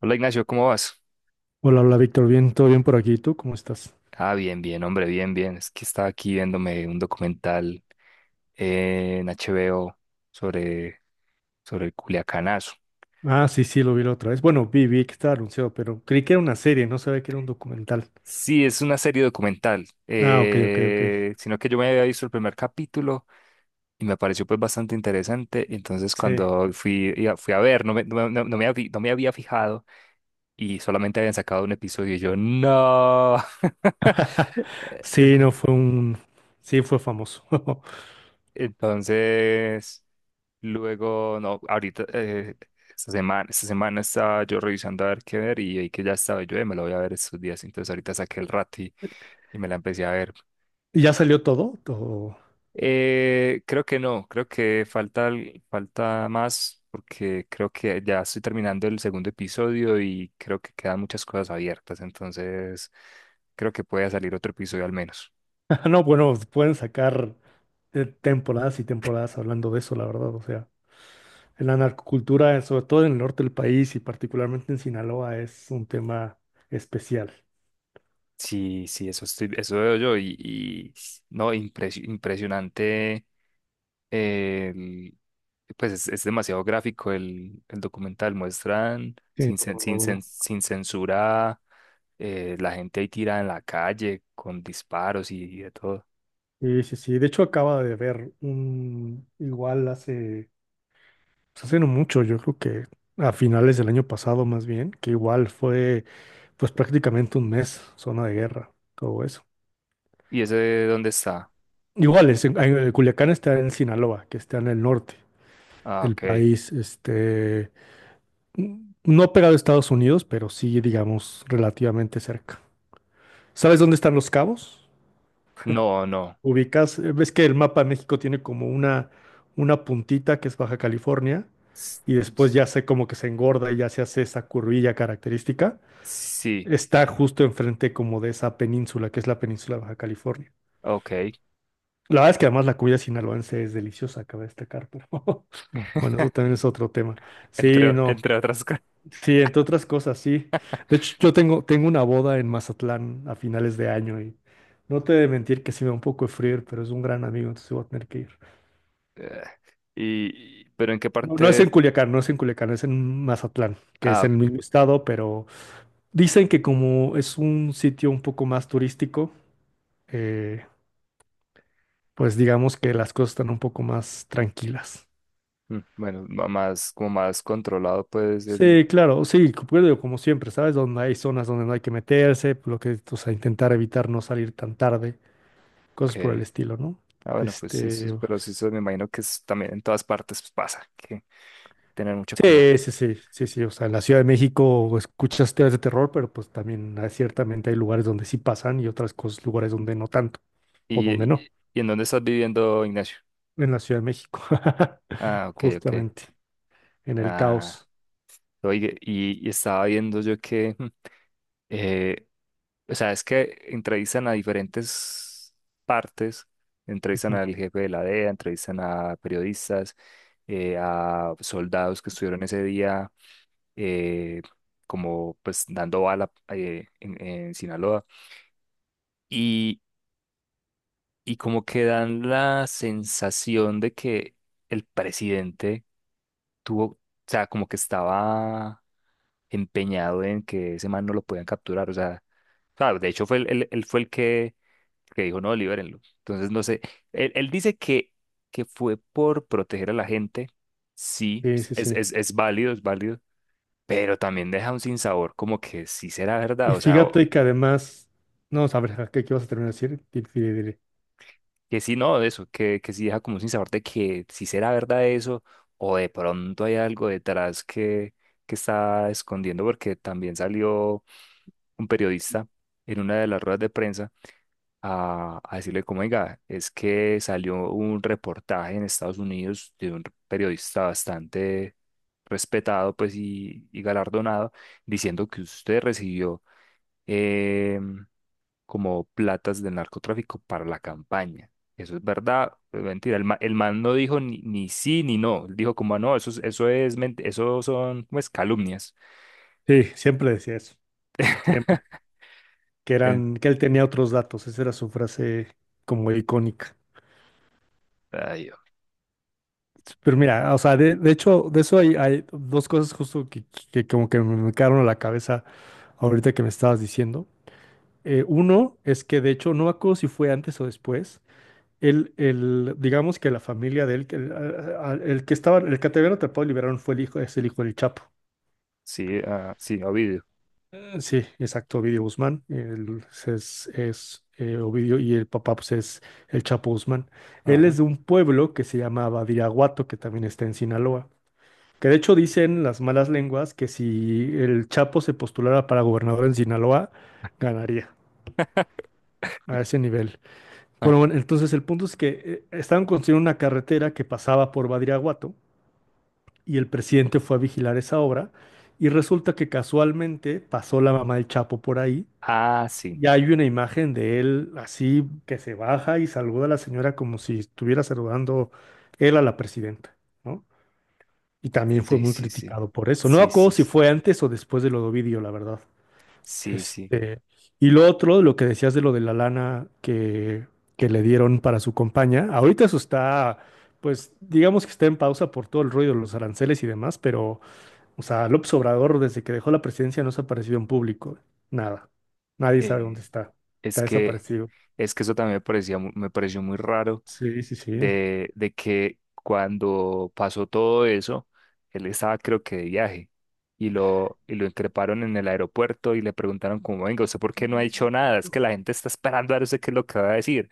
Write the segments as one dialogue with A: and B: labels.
A: Hola Ignacio, ¿cómo vas?
B: Hola, hola Víctor, bien, todo bien por aquí. ¿Y tú cómo estás?
A: Bien, bien, hombre, bien, bien. Es que estaba aquí viéndome un documental en HBO sobre, sobre el Culiacanazo.
B: Ah, sí, sí, lo vi la otra vez. Bueno, vi que estaba anunciado, pero creí que era una serie, no sabía que era un documental.
A: Sí, es una serie documental,
B: Ah, ok, ok, ok.
A: sino que yo me había visto el primer capítulo y me pareció pues bastante interesante. Entonces
B: Sí.
A: cuando fui, fui a ver, no me, no, no- no me habí- no me había fijado y solamente habían sacado un episodio y yo, no.
B: Sí,
A: En-
B: no fue un. Sí, fue famoso.
A: Entonces... Luego, no, ahorita, esta semana estaba yo revisando a ver qué ver y vi que ya estaba yo, me lo voy a ver estos días". Entonces ahorita saqué el rato y me la empecé a ver.
B: ¿Y ya salió todo? Todo-
A: Creo que no, creo que falta más porque creo que ya estoy terminando el segundo episodio y creo que quedan muchas cosas abiertas. Entonces creo que puede salir otro episodio al menos.
B: No, bueno, pueden sacar temporadas y temporadas hablando de eso, la verdad. O sea, la narcocultura, sobre todo en el norte del país y particularmente en Sinaloa, es un tema especial.
A: Sí, sí, eso veo yo y no, impresionante el- pues es demasiado gráfico el documental, muestran
B: Sí, no, no lo dudo.
A: sin censura, la gente ahí tirada en la calle con disparos y de todo.
B: Sí, sí, sí. De hecho, acaba de ver un, igual hace, pues, hace no mucho, yo creo que a finales del año pasado más bien, que igual fue pues prácticamente un mes zona de guerra, todo eso.
A: ¿Y ese dónde está?
B: Igual, es Culiacán está en Sinaloa, que está en el norte
A: Ah,
B: del
A: ok.
B: país, este, n- no pegado a Estados Unidos, pero sí, digamos, relativamente cerca. ¿Sabes dónde están los cabos?
A: No, no.
B: Ubicas, ves que el mapa de México tiene como una puntita que es Baja California
A: S-
B: y después ya se como que se engorda y ya se hace esa curvilla característica.
A: Sí,
B: Está justo enfrente como de esa península que es la península de Baja California.
A: ok.
B: La verdad es que además la comida sinaloense es deliciosa, cabe destacar, pero bueno, eso también es otro tema. Sí, no.
A: Entre otras cosas.
B: Sí, entre otras cosas, sí. De hecho, yo tengo una boda en Mazatlán a finales de año y no te he de mentir que sí me da un poco de frío, pero es un gran amigo, entonces voy a tener que ir.
A: Y, pero ¿en qué
B: No, no es
A: parte?
B: en Culiacán, no es en Culiacán, es en Mazatlán, que es
A: Ah,
B: en el
A: ok.
B: mismo estado, pero dicen que como es un sitio un poco más turístico, eh, pues digamos que las cosas están un poco más tranquilas.
A: Mm, bueno, más, como más controlado, pues el...
B: Sí, claro, sí, co- pues digo, como siempre, ¿sabes? Donde hay zonas donde no hay que meterse, lo que, o sea, intentar evitar no salir tan tarde, cosas por el
A: Ok.
B: estilo, ¿no?
A: Bueno, pues sí,
B: Este,
A: pero sí, eso
B: pues,
A: me imagino que es- también en todas partes pues, pasa, que tener mucho cuidado.
B: sí, sí, sí, sí, sí. O sea, en la Ciudad de México escuchas teorías de terror, pero pues también hay- ciertamente hay lugares donde sí pasan y otras cosas, lugares donde no tanto, o
A: ¿Y,
B: donde
A: y,
B: no,
A: ¿Y en dónde estás viviendo, Ignacio?
B: en la Ciudad de México,
A: Ah, ok, ok.
B: justamente, en el
A: Ah,
B: caos.
A: y estaba viendo yo que, eh, o sea, es que entrevistan a diferentes partes, entrevistan
B: Ujú.
A: al jefe de la DEA, entrevistan a periodistas, a soldados que estuvieron ese día, eh, como pues dando bala en en Sinaloa. Y como que dan la sensación de que el presidente tuvo, o sea, como que estaba empeñado en que ese man no lo podían capturar, o sea, claro, de hecho fue él, fue que dijo, no, libérenlo. Entonces, no sé, él dice que fue por proteger a la gente, sí,
B: Sí, sí, sí.
A: es válido, pero también deja un sinsabor como que sí será
B: Y
A: verdad, o sea.
B: fíjate que además, no, a ver, ¿a qué, qué vas a terminar de decir? Di.
A: Que sí, no, de eso, que sí deja como sin sabor de que si será verdad eso o de pronto hay algo detrás que está escondiendo, porque también salió un periodista en una de las ruedas de prensa a decirle como, oiga, es que salió un reportaje en Estados Unidos de un periodista bastante respetado pues y galardonado diciendo que usted recibió em, como platas del narcotráfico para la campaña. Eso es verdad, es mentira. El man no dijo ni, ni sí ni no. Él dijo como, "Ah, no, eso es, eso son, pues, calumnias".
B: Sí, siempre decía eso, siempre. Que
A: En-
B: eran, que él tenía otros datos, esa era su frase como icónica.
A: Ay, oh,
B: Pero mira, o sea, de hecho, de eso hay, hay dos cosas justo que como que me quedaron a la cabeza ahorita que me estabas diciendo. Uno es que de hecho, no me acuerdo si fue antes o después, digamos que la familia de él, que el, a- el que estaba, el que te habían atrapado y liberaron fue el hijo, es el hijo del Chapo.
A: sí, ah, sí, Ovidio.
B: Sí, exacto, Ovidio Guzmán, él es, es Ovidio y el papá pues es el Chapo Guzmán. Él
A: Ajá.
B: es de un pueblo que se llama Badiraguato, que también está en Sinaloa. Que de hecho dicen las malas lenguas que si el Chapo se postulara para gobernador en Sinaloa, ganaría a ese nivel.
A: Ah,
B: Bueno, entonces el punto es que estaban construyendo una carretera que pasaba por Badiraguato y el presidente fue a vigilar esa obra y resulta que casualmente pasó la mamá del Chapo por ahí
A: ah, sí,
B: y hay una imagen de él así que se baja y saluda a la señora como si estuviera saludando él a la presidenta, ¿no? Y también fue
A: sí,
B: muy
A: sí, sí,
B: criticado por eso. No me
A: sí,
B: acuerdo
A: sí,
B: si
A: sí,
B: fue antes o después de lo de Ovidio, la verdad.
A: sí, sí.
B: Este, y lo otro, lo que decías de lo de la lana que le dieron para su compañía, ahorita eso está, pues digamos que está en pausa por todo el ruido de los aranceles y demás, pero, o sea, López Obrador desde que dejó la presidencia no se ha aparecido en público, nada. Nadie sabe dónde
A: Eh,
B: está.
A: es
B: Está
A: que,
B: desaparecido.
A: es que eso también me parecía, me pareció muy raro
B: Sí, sí, sí.
A: de que cuando pasó todo eso, él estaba creo que de viaje y lo increparon en el aeropuerto y le preguntaron como, venga, ¿usted por qué no ha dicho nada? Es que la gente está esperando a ver usted qué es lo que va a decir.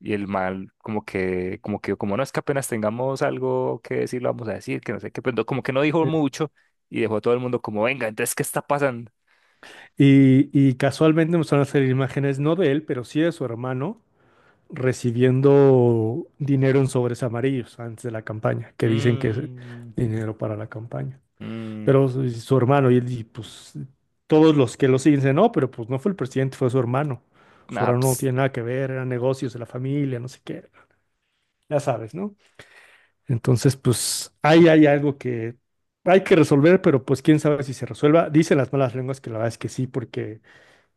A: Y el mal como que, como que, como no es que apenas tengamos algo que decir, lo vamos a decir, que no sé qué, como que no dijo mucho y dejó a todo el mundo como, venga, entonces, ¿qué está pasando?
B: Y casualmente empezaron a hacer imágenes, no de él, pero sí de su hermano recibiendo dinero en sobres amarillos antes de la campaña, que dicen que es
A: Mmm,
B: dinero para la campaña.
A: mmm,
B: Pero su hermano, pues todos los que lo siguen dicen, no, pero pues no fue el presidente, fue su hermano. Su
A: ah,
B: hermano no
A: ps,
B: tiene nada que ver, eran negocios de la familia, no sé qué, ya sabes, ¿no? Entonces, pues ahí hay algo que hay que resolver, pero pues quién sabe si se resuelva. Dicen las malas lenguas que la verdad es que sí, porque,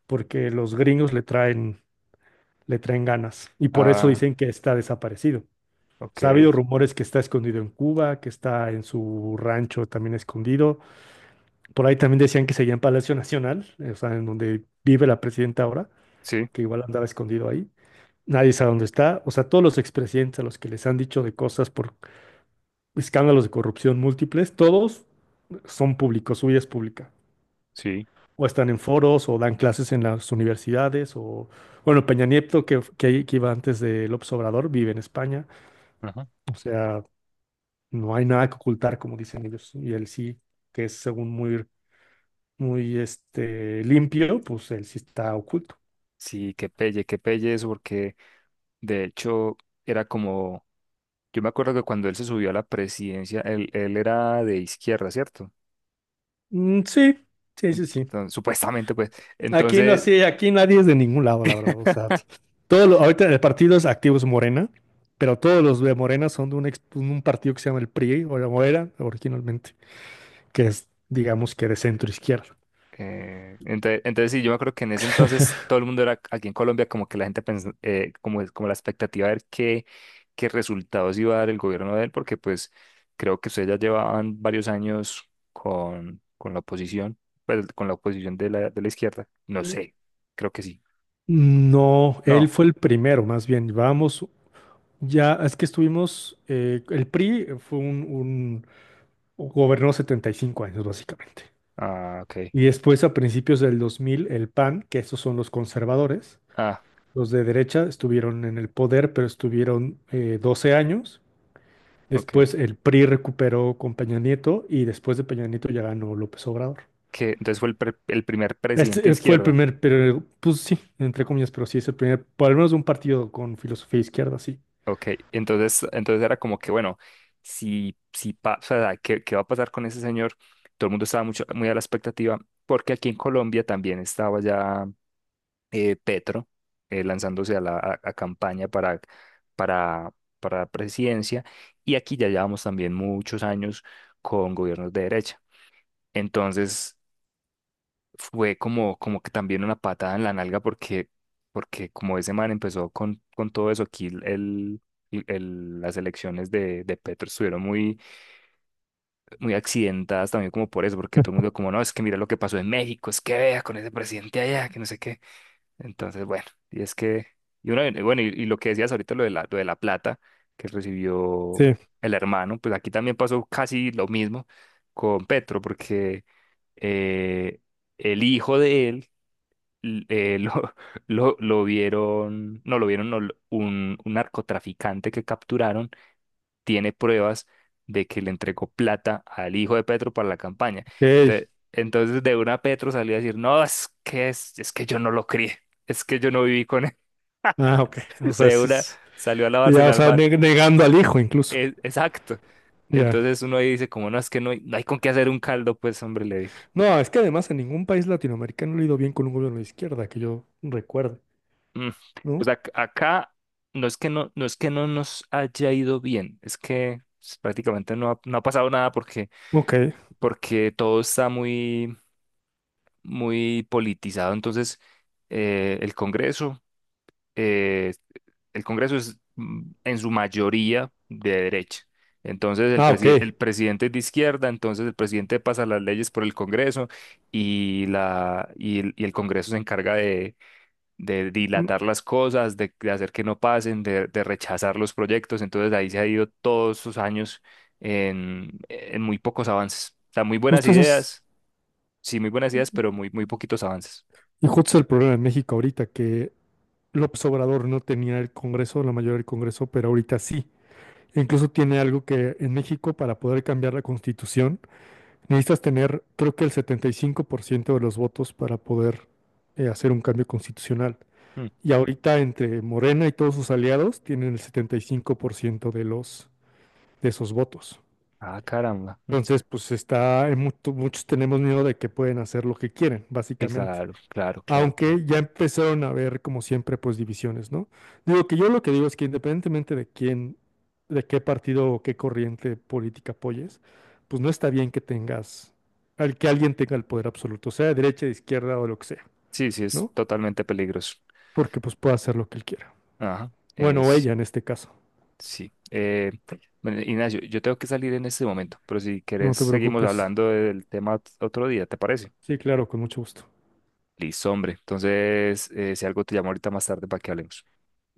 B: porque los gringos le traen ganas y por eso
A: ah,
B: dicen que está desaparecido.
A: ok,
B: Sea, ha habido rumores que está escondido en Cuba, que está en su rancho también escondido. Por ahí también decían que seguía en Palacio Nacional, o sea, en donde vive la presidenta ahora,
A: sí,
B: que igual andaba escondido ahí. Nadie sabe dónde está. O sea, todos los expresidentes a los que les han dicho de cosas por escándalos de corrupción múltiples, todos son públicos, su vida es pública.
A: sí.
B: O están en foros, o dan clases en las universidades, o, bueno, Peña Nieto, que iba antes de López Obrador, vive en España.
A: Ajá.
B: O sea, no hay nada que ocultar, como dicen ellos. Y él sí, que es según muy, muy este, limpio, pues él sí está oculto.
A: Sí, que pelle eso, porque de hecho era como, yo me acuerdo que cuando él se subió a la presidencia, él era de izquierda, ¿cierto?
B: Mm, sí, sí, sí, sí.
A: Entonces, supuestamente, pues,
B: Aquí no
A: entonces,
B: así, aquí nadie es de ningún lado, la verdad. O sea, todo lo- ahorita el partido es activo es Morena, pero todos los de Morena son de un, ex- un partido que se llama el PRI, o la- o era originalmente, que es, digamos que de centro izquierda.
A: entonces, entonces sí, yo me acuerdo que en ese entonces todo el mundo era aquí en Colombia como que la gente pensó, como la expectativa de qué resultados iba a dar el gobierno de él, porque pues creo que ustedes ya llevaban varios años con la oposición, pues, con la oposición de la izquierda, no sé, creo que sí.
B: No, él
A: No.
B: fue el primero, más bien. Vamos, ya es que estuvimos, el PRI fue un, gobernó 75 años, básicamente.
A: Ah, ok.
B: Y después, a principios del 2000 el PAN, que esos son los conservadores,
A: Ah,
B: los de derecha estuvieron en el poder, pero estuvieron 12 años.
A: ok.
B: Después el PRI recuperó con Peña Nieto y después de Peña Nieto ya ganó López Obrador.
A: Que entonces fue el primer presidente de
B: Fue el
A: izquierda.
B: primer, pero pues sí, entre comillas, pero sí es el primer, por lo menos un partido con filosofía izquierda, sí.
A: Ok. Entonces, entonces era como que, bueno, si pasa, ¿qué va a pasar con ese señor? Todo el mundo estaba mucho, muy a la expectativa, porque aquí en Colombia también estaba ya Petro lanzándose a campaña para, para la presidencia, y aquí ya llevamos también muchos años con gobiernos de derecha. Entonces, fue como, como que también una patada en la nalga porque, porque como ese man empezó con todo eso, aquí las elecciones de Petro estuvieron muy, muy accidentadas también como por eso, porque todo el mundo como, no, es que mira lo que pasó en México, es que vea con ese presidente allá, que no sé qué. Entonces, bueno, y es que, y bueno, y lo que decías ahorita, lo de la plata que recibió
B: Sí,
A: el hermano, pues aquí también pasó casi lo mismo con Petro, porque... eh, el hijo de él l- eh, lo, lo vieron, no lo vieron, no, lo- un narcotraficante que capturaron tiene pruebas de que le entregó plata al hijo de Petro para la campaña.
B: ok.
A: Entonces, entonces de una Petro salió a decir, no, es que yo no lo crié, es que yo no viví con él.
B: Ah, ok. O sea,
A: De
B: sí
A: una
B: es-
A: salió a lavarse
B: ya, o
A: las
B: sea,
A: manos.
B: neg- negando al hijo incluso.
A: Exacto.
B: Ya
A: Entonces uno ahí dice, como no, es que no hay, no hay con qué hacer un caldo, pues hombre, le
B: no, es que además en ningún país latinoamericano le ha ido bien con un gobierno de izquierda, que yo recuerde,
A: Mm, pues
B: ¿no?
A: acá no es que no, no es que no nos haya ido bien, es que pues, prácticamente no ha, no ha pasado nada porque,
B: Ok.
A: porque todo está muy, muy politizado. Entonces, eh, el Congreso, eh, el Congreso es mm, en su mayoría de derecha. Entonces
B: Ah, ok.
A: el presidente es de izquierda, entonces el presidente pasa las leyes por el Congreso y el y el Congreso se encarga de
B: Mm,
A: dilatar las cosas, de hacer que no pasen, de rechazar los proyectos. Entonces ahí se ha ido todos sus años en muy pocos avances. O sea, muy buenas
B: justo ese es,
A: ideas, sí, muy buenas ideas, pero muy, muy poquitos avances.
B: y justo es el problema en México ahorita, que López Obrador no tenía el Congreso, la mayoría del Congreso, pero ahorita sí. E incluso tiene algo que en México para poder cambiar la constitución necesitas tener, creo que el 75% de los votos para poder hacer un cambio constitucional.
A: Mm.
B: Y ahorita entre Morena y todos sus aliados tienen el 75% de los de esos votos.
A: Ah, caramba. Mm.
B: Entonces, pues está, en mucho- muchos tenemos miedo de que pueden hacer lo que quieren, básicamente.
A: Claro, claro, claro, claro.
B: Aunque ya empezaron a haber, como siempre, pues divisiones, ¿no? Digo que yo lo que digo es que independientemente de quién, de qué partido o qué corriente política apoyes, pues no está bien que tengas, al que alguien tenga el poder absoluto, sea de derecha, de izquierda o lo que sea,
A: Sí, sí, es
B: ¿no?
A: totalmente peligroso.
B: Porque pues puede hacer lo que él quiera.
A: Ajá,
B: Bueno, o
A: sí,
B: ella en este caso.
A: sí. Bueno, Ignacio, yo tengo que salir en este momento, pero si
B: No
A: querés
B: te
A: seguimos
B: preocupes.
A: hablando del tema otro día, ¿te parece?
B: Sí, claro, con mucho gusto.
A: Listo, hombre. Entonces, si algo te llamo ahorita más tarde para que hablemos.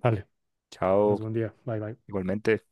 B: Vale,
A: Chao,
B: tengas buen día. Bye, bye.
A: igualmente.